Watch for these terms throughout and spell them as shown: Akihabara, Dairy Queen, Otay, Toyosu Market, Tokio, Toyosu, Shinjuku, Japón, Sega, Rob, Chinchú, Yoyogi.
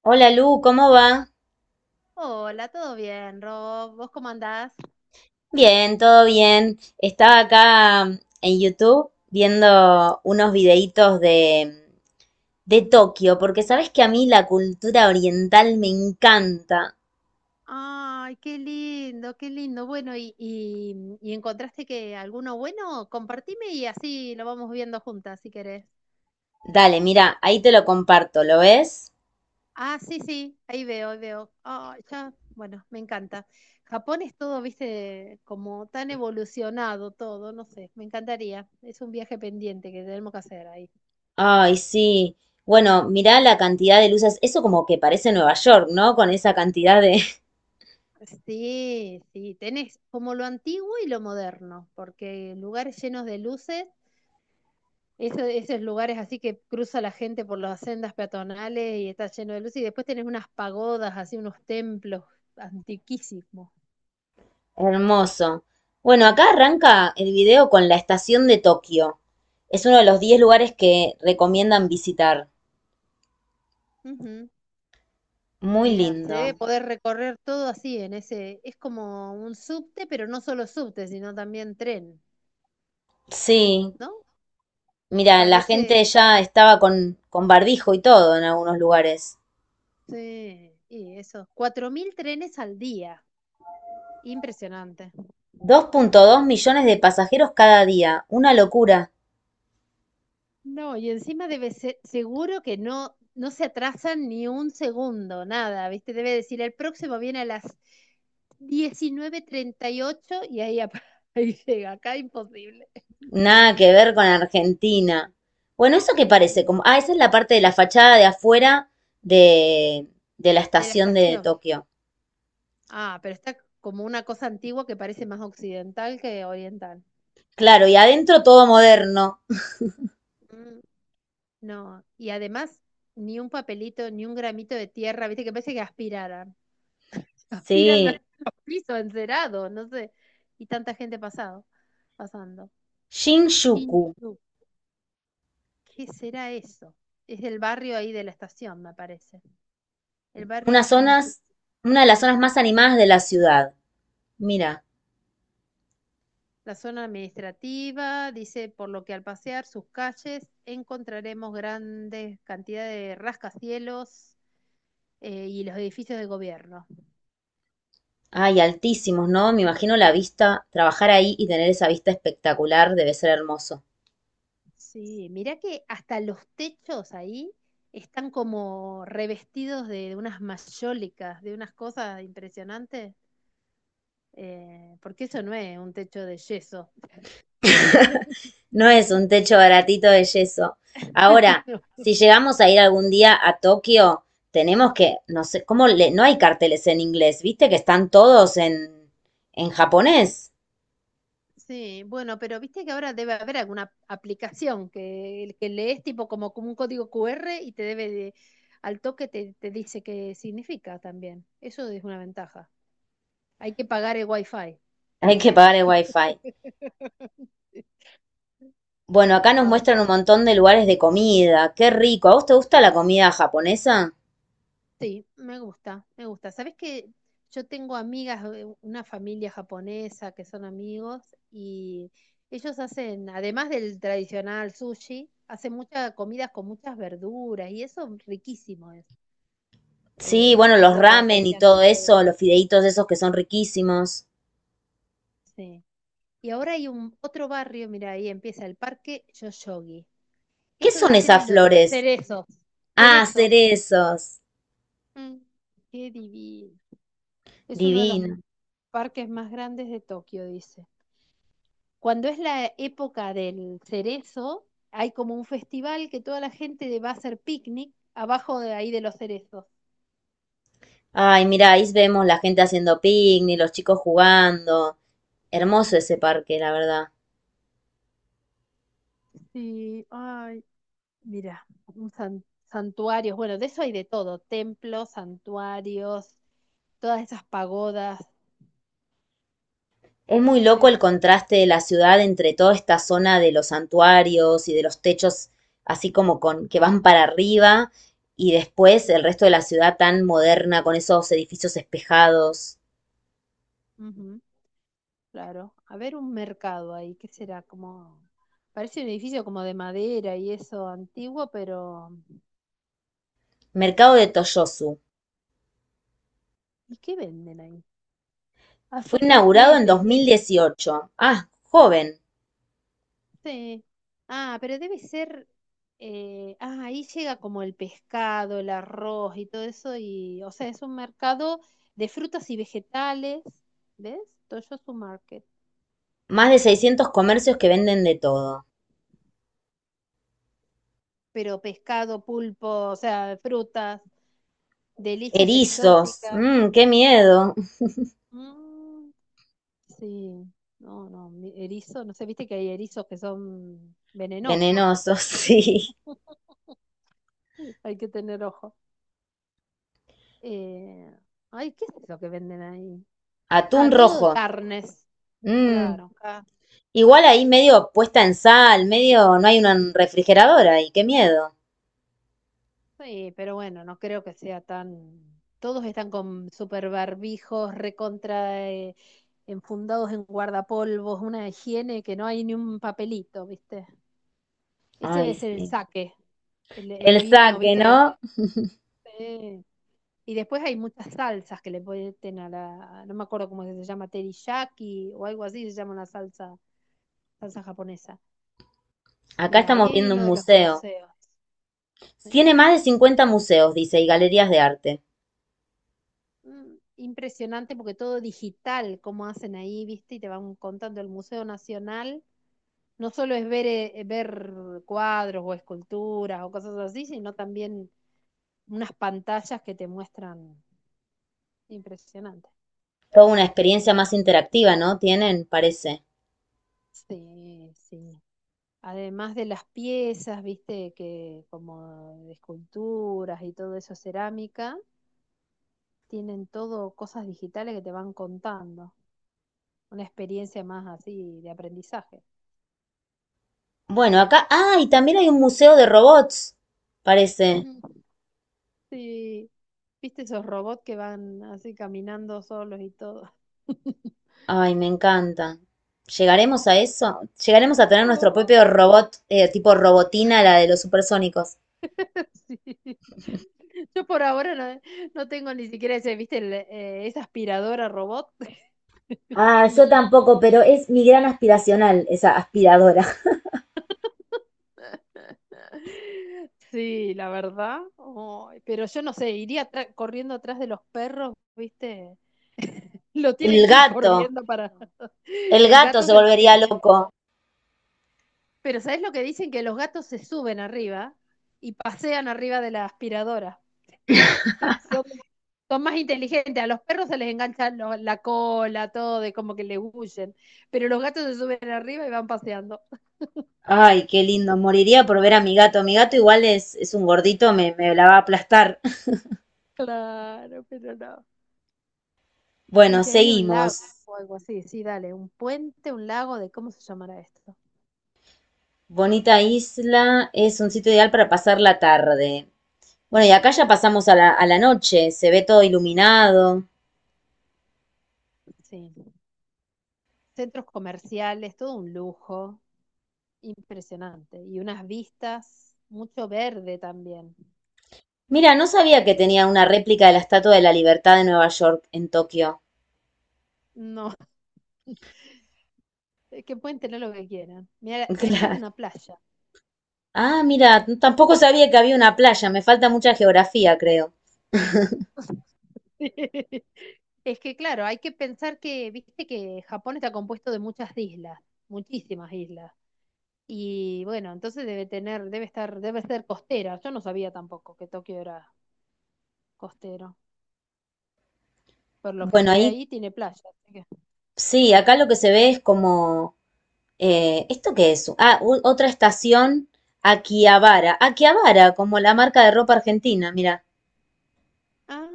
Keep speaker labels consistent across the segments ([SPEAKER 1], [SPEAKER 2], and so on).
[SPEAKER 1] Hola Lu, ¿cómo va?
[SPEAKER 2] Hola, ¿todo bien, Rob? ¿Vos cómo andás?
[SPEAKER 1] Bien, todo bien. Estaba acá en YouTube viendo unos videitos de Tokio, porque sabes que a mí la cultura oriental me encanta.
[SPEAKER 2] Ay, qué lindo, qué lindo. Bueno, ¿y encontraste que alguno bueno? Compartime y así lo vamos viendo juntas, si querés.
[SPEAKER 1] Dale, mira, ahí te lo comparto, ¿lo ves?
[SPEAKER 2] Ah, sí, sí, ahí veo, ahí veo. Ah, ya, bueno, me encanta. Japón es todo, viste, como tan evolucionado todo, no sé, me encantaría. Es un viaje pendiente que tenemos que hacer ahí.
[SPEAKER 1] Ay, sí. Bueno, mirá la cantidad de luces. Eso como que parece Nueva York, ¿no? Con esa cantidad de...
[SPEAKER 2] Sí, sí, tenés como lo antiguo y lo moderno, porque lugares llenos de luces. Esos lugares así que cruza la gente por las sendas peatonales y está lleno de luz. Y después tenés unas pagodas, así unos templos antiquísimos.
[SPEAKER 1] Hermoso. Bueno, acá arranca el video con la estación de Tokio. Es uno de los 10 lugares que recomiendan visitar.
[SPEAKER 2] Ujú.
[SPEAKER 1] Muy
[SPEAKER 2] Mira, se
[SPEAKER 1] lindo.
[SPEAKER 2] debe poder recorrer todo así en ese. Es como un subte, pero no solo subte, sino también tren,
[SPEAKER 1] Sí,
[SPEAKER 2] ¿no?
[SPEAKER 1] mira, la gente
[SPEAKER 2] Parece.
[SPEAKER 1] ya estaba con barbijo y todo en algunos lugares.
[SPEAKER 2] Sí, y eso. 4000 trenes al día. Impresionante.
[SPEAKER 1] 2,2 millones de pasajeros cada día, una locura.
[SPEAKER 2] No, y encima debe ser, seguro que no, no se atrasan ni un segundo, nada, ¿viste? Debe decir, el próximo viene a las 19:38 y ocho y ahí, ahí llega, acá imposible.
[SPEAKER 1] Nada que ver con Argentina. Bueno, ¿eso qué parece?
[SPEAKER 2] Mm.
[SPEAKER 1] Como, ah, esa es la parte de la fachada de afuera de, de la
[SPEAKER 2] De la
[SPEAKER 1] estación de
[SPEAKER 2] estación.
[SPEAKER 1] Tokio.
[SPEAKER 2] Ah, pero está como una cosa antigua que parece más occidental que oriental.
[SPEAKER 1] Claro, y adentro todo moderno.
[SPEAKER 2] Mm. No, y además ni un papelito, ni un gramito de tierra, ¿viste? Que parece que aspiraran. Aspiran los,
[SPEAKER 1] Sí.
[SPEAKER 2] los pisos encerados, no sé. Y tanta gente pasando.
[SPEAKER 1] Shinjuku,
[SPEAKER 2] Chinchú, ¿qué será eso? Es del barrio ahí de la estación, me parece. El
[SPEAKER 1] una
[SPEAKER 2] barrio Chinchú,
[SPEAKER 1] zonas, una de las zonas más animadas de la ciudad. Mira.
[SPEAKER 2] la zona administrativa, dice, por lo que al pasear sus calles encontraremos grandes cantidades de rascacielos y los edificios de gobierno.
[SPEAKER 1] Ay, altísimos, ¿no? Me imagino la vista, trabajar ahí y tener esa vista espectacular debe ser hermoso.
[SPEAKER 2] Sí, mirá que hasta los techos ahí están como revestidos de unas mayólicas, de unas cosas impresionantes. Porque eso no es un techo de yeso.
[SPEAKER 1] No es un techo baratito de yeso. Ahora,
[SPEAKER 2] No.
[SPEAKER 1] si llegamos a ir algún día a Tokio, tenemos que, no sé, ¿cómo le, no hay carteles en inglés? ¿Viste que están todos en japonés?
[SPEAKER 2] Sí, bueno, pero viste que ahora debe haber alguna aplicación que lees tipo como un código QR y te debe al toque te dice qué significa también. Eso es una ventaja. Hay que pagar el wifi.
[SPEAKER 1] Hay que pagar el wifi. Bueno, acá nos
[SPEAKER 2] Ay,
[SPEAKER 1] muestran
[SPEAKER 2] pues,
[SPEAKER 1] un montón de lugares de comida. Qué rico. ¿A vos te gusta la comida japonesa?
[SPEAKER 2] sí, me gusta, me gusta. Sabes que yo tengo amigas, una familia japonesa que son amigos y ellos hacen, además del tradicional sushi, hacen muchas comidas con muchas verduras y eso riquísimo es.
[SPEAKER 1] Sí, bueno,
[SPEAKER 2] Es
[SPEAKER 1] los
[SPEAKER 2] lo
[SPEAKER 1] ramen y
[SPEAKER 2] tradicional.
[SPEAKER 1] todo eso, los fideitos esos que son riquísimos.
[SPEAKER 2] Sí. Y ahora hay un otro barrio, mira, ahí empieza el parque Yoyogi.
[SPEAKER 1] ¿Qué
[SPEAKER 2] Eso debe
[SPEAKER 1] son
[SPEAKER 2] ser
[SPEAKER 1] esas
[SPEAKER 2] el de los
[SPEAKER 1] flores?
[SPEAKER 2] cerezos.
[SPEAKER 1] Ah,
[SPEAKER 2] Cerezos.
[SPEAKER 1] cerezos.
[SPEAKER 2] Mm. Qué divino. Es uno de los
[SPEAKER 1] Divino.
[SPEAKER 2] parques más grandes de Tokio, dice. Cuando es la época del cerezo, hay como un festival que toda la gente va a hacer picnic abajo de ahí de los cerezos.
[SPEAKER 1] Ay, mira, ahí vemos la gente haciendo picnic, los chicos jugando. Hermoso ese parque, la verdad.
[SPEAKER 2] Sí, ay. Mira, un santuarios, bueno, de eso hay de todo, templos, santuarios, todas esas pagodas,
[SPEAKER 1] Es muy
[SPEAKER 2] qué
[SPEAKER 1] loco el
[SPEAKER 2] impresión.
[SPEAKER 1] contraste de la ciudad entre toda esta zona de los santuarios y de los techos así como con que van para arriba y después el resto de la ciudad tan moderna con esos edificios espejados.
[SPEAKER 2] Ujú, claro, a ver un mercado ahí, ¿qué será? Como, parece un edificio como de madera y eso antiguo, pero
[SPEAKER 1] Mercado de Toyosu.
[SPEAKER 2] ¿y qué venden ahí? Ah,
[SPEAKER 1] Fue
[SPEAKER 2] son
[SPEAKER 1] inaugurado en
[SPEAKER 2] paquetes y eso.
[SPEAKER 1] 2018. Ah, joven.
[SPEAKER 2] Sí. Ah, pero debe ser. Ahí llega como el pescado, el arroz y todo eso. Y, o sea, es un mercado de frutas y vegetales. ¿Ves? Toyosu Market.
[SPEAKER 1] Más de 600 comercios que venden de todo.
[SPEAKER 2] Pero pescado, pulpo, o sea, frutas, delicias
[SPEAKER 1] Erizos,
[SPEAKER 2] exóticas.
[SPEAKER 1] mmm, qué miedo.
[SPEAKER 2] Mm, sí. No, no. Erizo, no sé, viste que hay erizos que son venenosos.
[SPEAKER 1] Venenosos, sí.
[SPEAKER 2] Hay que tener ojo. Eh, Ay, ¿qué es eso que venden ahí?
[SPEAKER 1] Atún
[SPEAKER 2] Ah, todo
[SPEAKER 1] rojo,
[SPEAKER 2] carnes,
[SPEAKER 1] mmm.
[SPEAKER 2] claro. Acá.
[SPEAKER 1] Igual ahí medio puesta en sal, medio no hay un refrigerador ahí, qué miedo.
[SPEAKER 2] Sí, pero bueno, no creo que sea tan... Todos están con super barbijos, recontra, enfundados en guardapolvos, una higiene que no hay ni un papelito, ¿viste? Ese
[SPEAKER 1] Ay,
[SPEAKER 2] debe ser el
[SPEAKER 1] sí.
[SPEAKER 2] saque, el
[SPEAKER 1] El
[SPEAKER 2] vino,
[SPEAKER 1] saque,
[SPEAKER 2] ¿viste?
[SPEAKER 1] ¿no?
[SPEAKER 2] Sí. Y después hay muchas salsas que le ponen a la... No me acuerdo cómo se llama, teriyaki o algo así, se llama una salsa, salsa japonesa.
[SPEAKER 1] Acá
[SPEAKER 2] Mira, ahí
[SPEAKER 1] estamos
[SPEAKER 2] hay
[SPEAKER 1] viendo
[SPEAKER 2] uno
[SPEAKER 1] un
[SPEAKER 2] de los
[SPEAKER 1] museo.
[SPEAKER 2] museos. Sí.
[SPEAKER 1] Tiene más de 50 museos, dice, y galerías de arte.
[SPEAKER 2] Mm. Impresionante porque todo digital, como hacen ahí, ¿viste? Y te van contando el Museo Nacional. No solo es ver cuadros o esculturas o cosas así, sino también unas pantallas que te muestran. Impresionante.
[SPEAKER 1] Toda una experiencia más interactiva, ¿no? Tienen, parece.
[SPEAKER 2] Sí, sí. Además de las piezas, ¿viste? Que como de esculturas y todo eso, cerámica, tienen todo cosas digitales que te van contando. Una experiencia más así de aprendizaje.
[SPEAKER 1] Bueno, acá, ah, y también hay un museo de robots, parece.
[SPEAKER 2] Mm. Sí, viste esos robots que van así caminando solos y todo.
[SPEAKER 1] Ay, me encanta. ¿Llegaremos a eso? ¿Llegaremos a tener nuestro
[SPEAKER 2] Oh,
[SPEAKER 1] propio robot, tipo robotina, la de los supersónicos?
[SPEAKER 2] sí. Yo por ahora no, no tengo ni siquiera ese, viste, esa aspiradora robot.
[SPEAKER 1] Ah,
[SPEAKER 2] No.
[SPEAKER 1] yo tampoco, pero es mi gran aspiracional, esa aspiradora.
[SPEAKER 2] Sí, la verdad. Ay, pero yo no sé, iría corriendo atrás de los perros, viste. Lo tiene
[SPEAKER 1] El
[SPEAKER 2] que ir
[SPEAKER 1] gato.
[SPEAKER 2] corriendo para...
[SPEAKER 1] El
[SPEAKER 2] El
[SPEAKER 1] gato
[SPEAKER 2] gato
[SPEAKER 1] se
[SPEAKER 2] se
[SPEAKER 1] volvería
[SPEAKER 2] enloquece.
[SPEAKER 1] loco.
[SPEAKER 2] Pero ¿sabes lo que dicen? Que los gatos se suben arriba y pasean arriba de la aspiradora. Son, son más inteligentes. A los perros se les engancha la cola, todo, de como que le huyen. Pero los gatos se suben arriba y van paseando.
[SPEAKER 1] Ay, qué lindo. Moriría por ver a mi gato. Mi gato igual es un gordito, me la va a aplastar.
[SPEAKER 2] Claro, pero no. Uy,
[SPEAKER 1] Bueno,
[SPEAKER 2] hay un
[SPEAKER 1] seguimos.
[SPEAKER 2] lago o algo así. Sí, dale, un puente, un lago, de cómo se llamará esto.
[SPEAKER 1] Bonita isla es un sitio ideal para pasar la tarde. Bueno, y acá ya pasamos a la noche. Se ve todo iluminado.
[SPEAKER 2] Sí. Centros comerciales, todo un lujo. Impresionante. Y unas vistas, mucho verde también.
[SPEAKER 1] Mira, no sabía que tenía una réplica de la Estatua de la Libertad de Nueva York en Tokio.
[SPEAKER 2] No, que pueden tener lo que quieran. Mira, eso es
[SPEAKER 1] Claro.
[SPEAKER 2] una playa.
[SPEAKER 1] Ah, mira, tampoco sabía que había una playa, me falta mucha geografía, creo.
[SPEAKER 2] Es que claro, hay que pensar que, viste que Japón está compuesto de muchas islas, muchísimas islas. Y bueno, entonces debe tener, debe estar, debe ser costera. Yo no sabía tampoco que Tokio era costero. Por lo que
[SPEAKER 1] Bueno,
[SPEAKER 2] se ve
[SPEAKER 1] ahí
[SPEAKER 2] ahí, tiene playa.
[SPEAKER 1] sí, acá lo que se ve es como... ¿esto qué es? Ah, otra estación, Akihabara. Akihabara, como la marca de ropa argentina, mira,
[SPEAKER 2] Ah,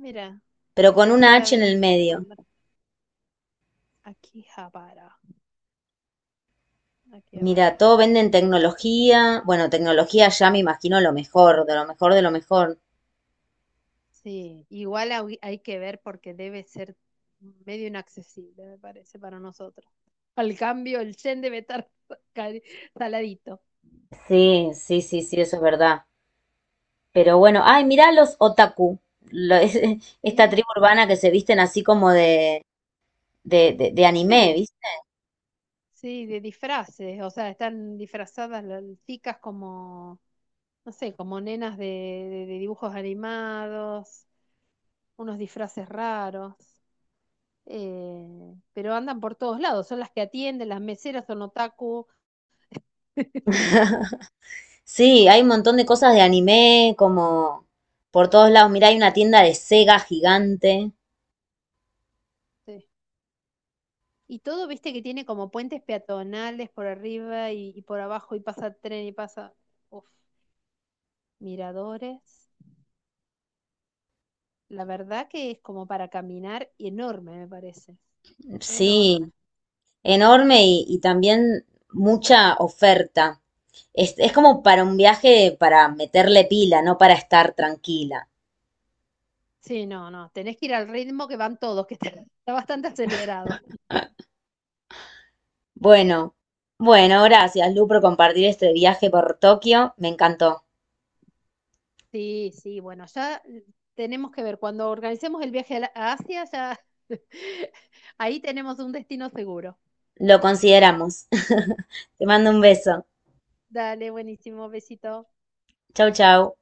[SPEAKER 2] mira,
[SPEAKER 1] pero con
[SPEAKER 2] de allá
[SPEAKER 1] una
[SPEAKER 2] de
[SPEAKER 1] H en el
[SPEAKER 2] Avenida, ese
[SPEAKER 1] medio.
[SPEAKER 2] nombre. Akihabara, Akihabara.
[SPEAKER 1] Mira, todo venden tecnología. Bueno, tecnología ya me imagino lo mejor, de lo mejor de lo mejor.
[SPEAKER 2] Sí, igual hay que ver porque debe ser medio inaccesible, me parece, para nosotros. Al cambio, el yen debe estar cari- saladito.
[SPEAKER 1] Sí, sí, sí, sí, eso es verdad. Pero bueno, ay, mirá los otaku, lo- es- esta
[SPEAKER 2] Sí,
[SPEAKER 1] tribu urbana que se visten así como de anime,
[SPEAKER 2] sí,
[SPEAKER 1] ¿viste?
[SPEAKER 2] sí, de disfraces. O sea, están disfrazadas las chicas como, no sé, como nenas de dibujos animados, unos disfraces raros. eh, pero andan por todos lados. Son las que atienden, las meseras son otaku.
[SPEAKER 1] Sí, hay un montón de cosas de anime, como por todos lados. Mirá, hay una tienda de Sega gigante,
[SPEAKER 2] Sí. Y todo, viste, que tiene como puentes peatonales por arriba y por abajo y pasa tren y pasa, uf, miradores. La verdad que es como para caminar y enorme, me parece. Enorme.
[SPEAKER 1] sí, enorme y también mucha oferta. Es como para un viaje para meterle pila, no para estar tranquila.
[SPEAKER 2] Sí, no, no, tenés que ir al ritmo que van todos, que está bastante acelerado.
[SPEAKER 1] Bueno, bueno, gracias, Lu, por compartir este viaje por Tokio. Me encantó.
[SPEAKER 2] Sí, sí, bueno, ya tenemos que ver, cuando organicemos el viaje a Asia, ya ahí tenemos un destino seguro.
[SPEAKER 1] Lo consideramos. Te mando un beso.
[SPEAKER 2] Dale, buenísimo, besito.
[SPEAKER 1] Chau, chau.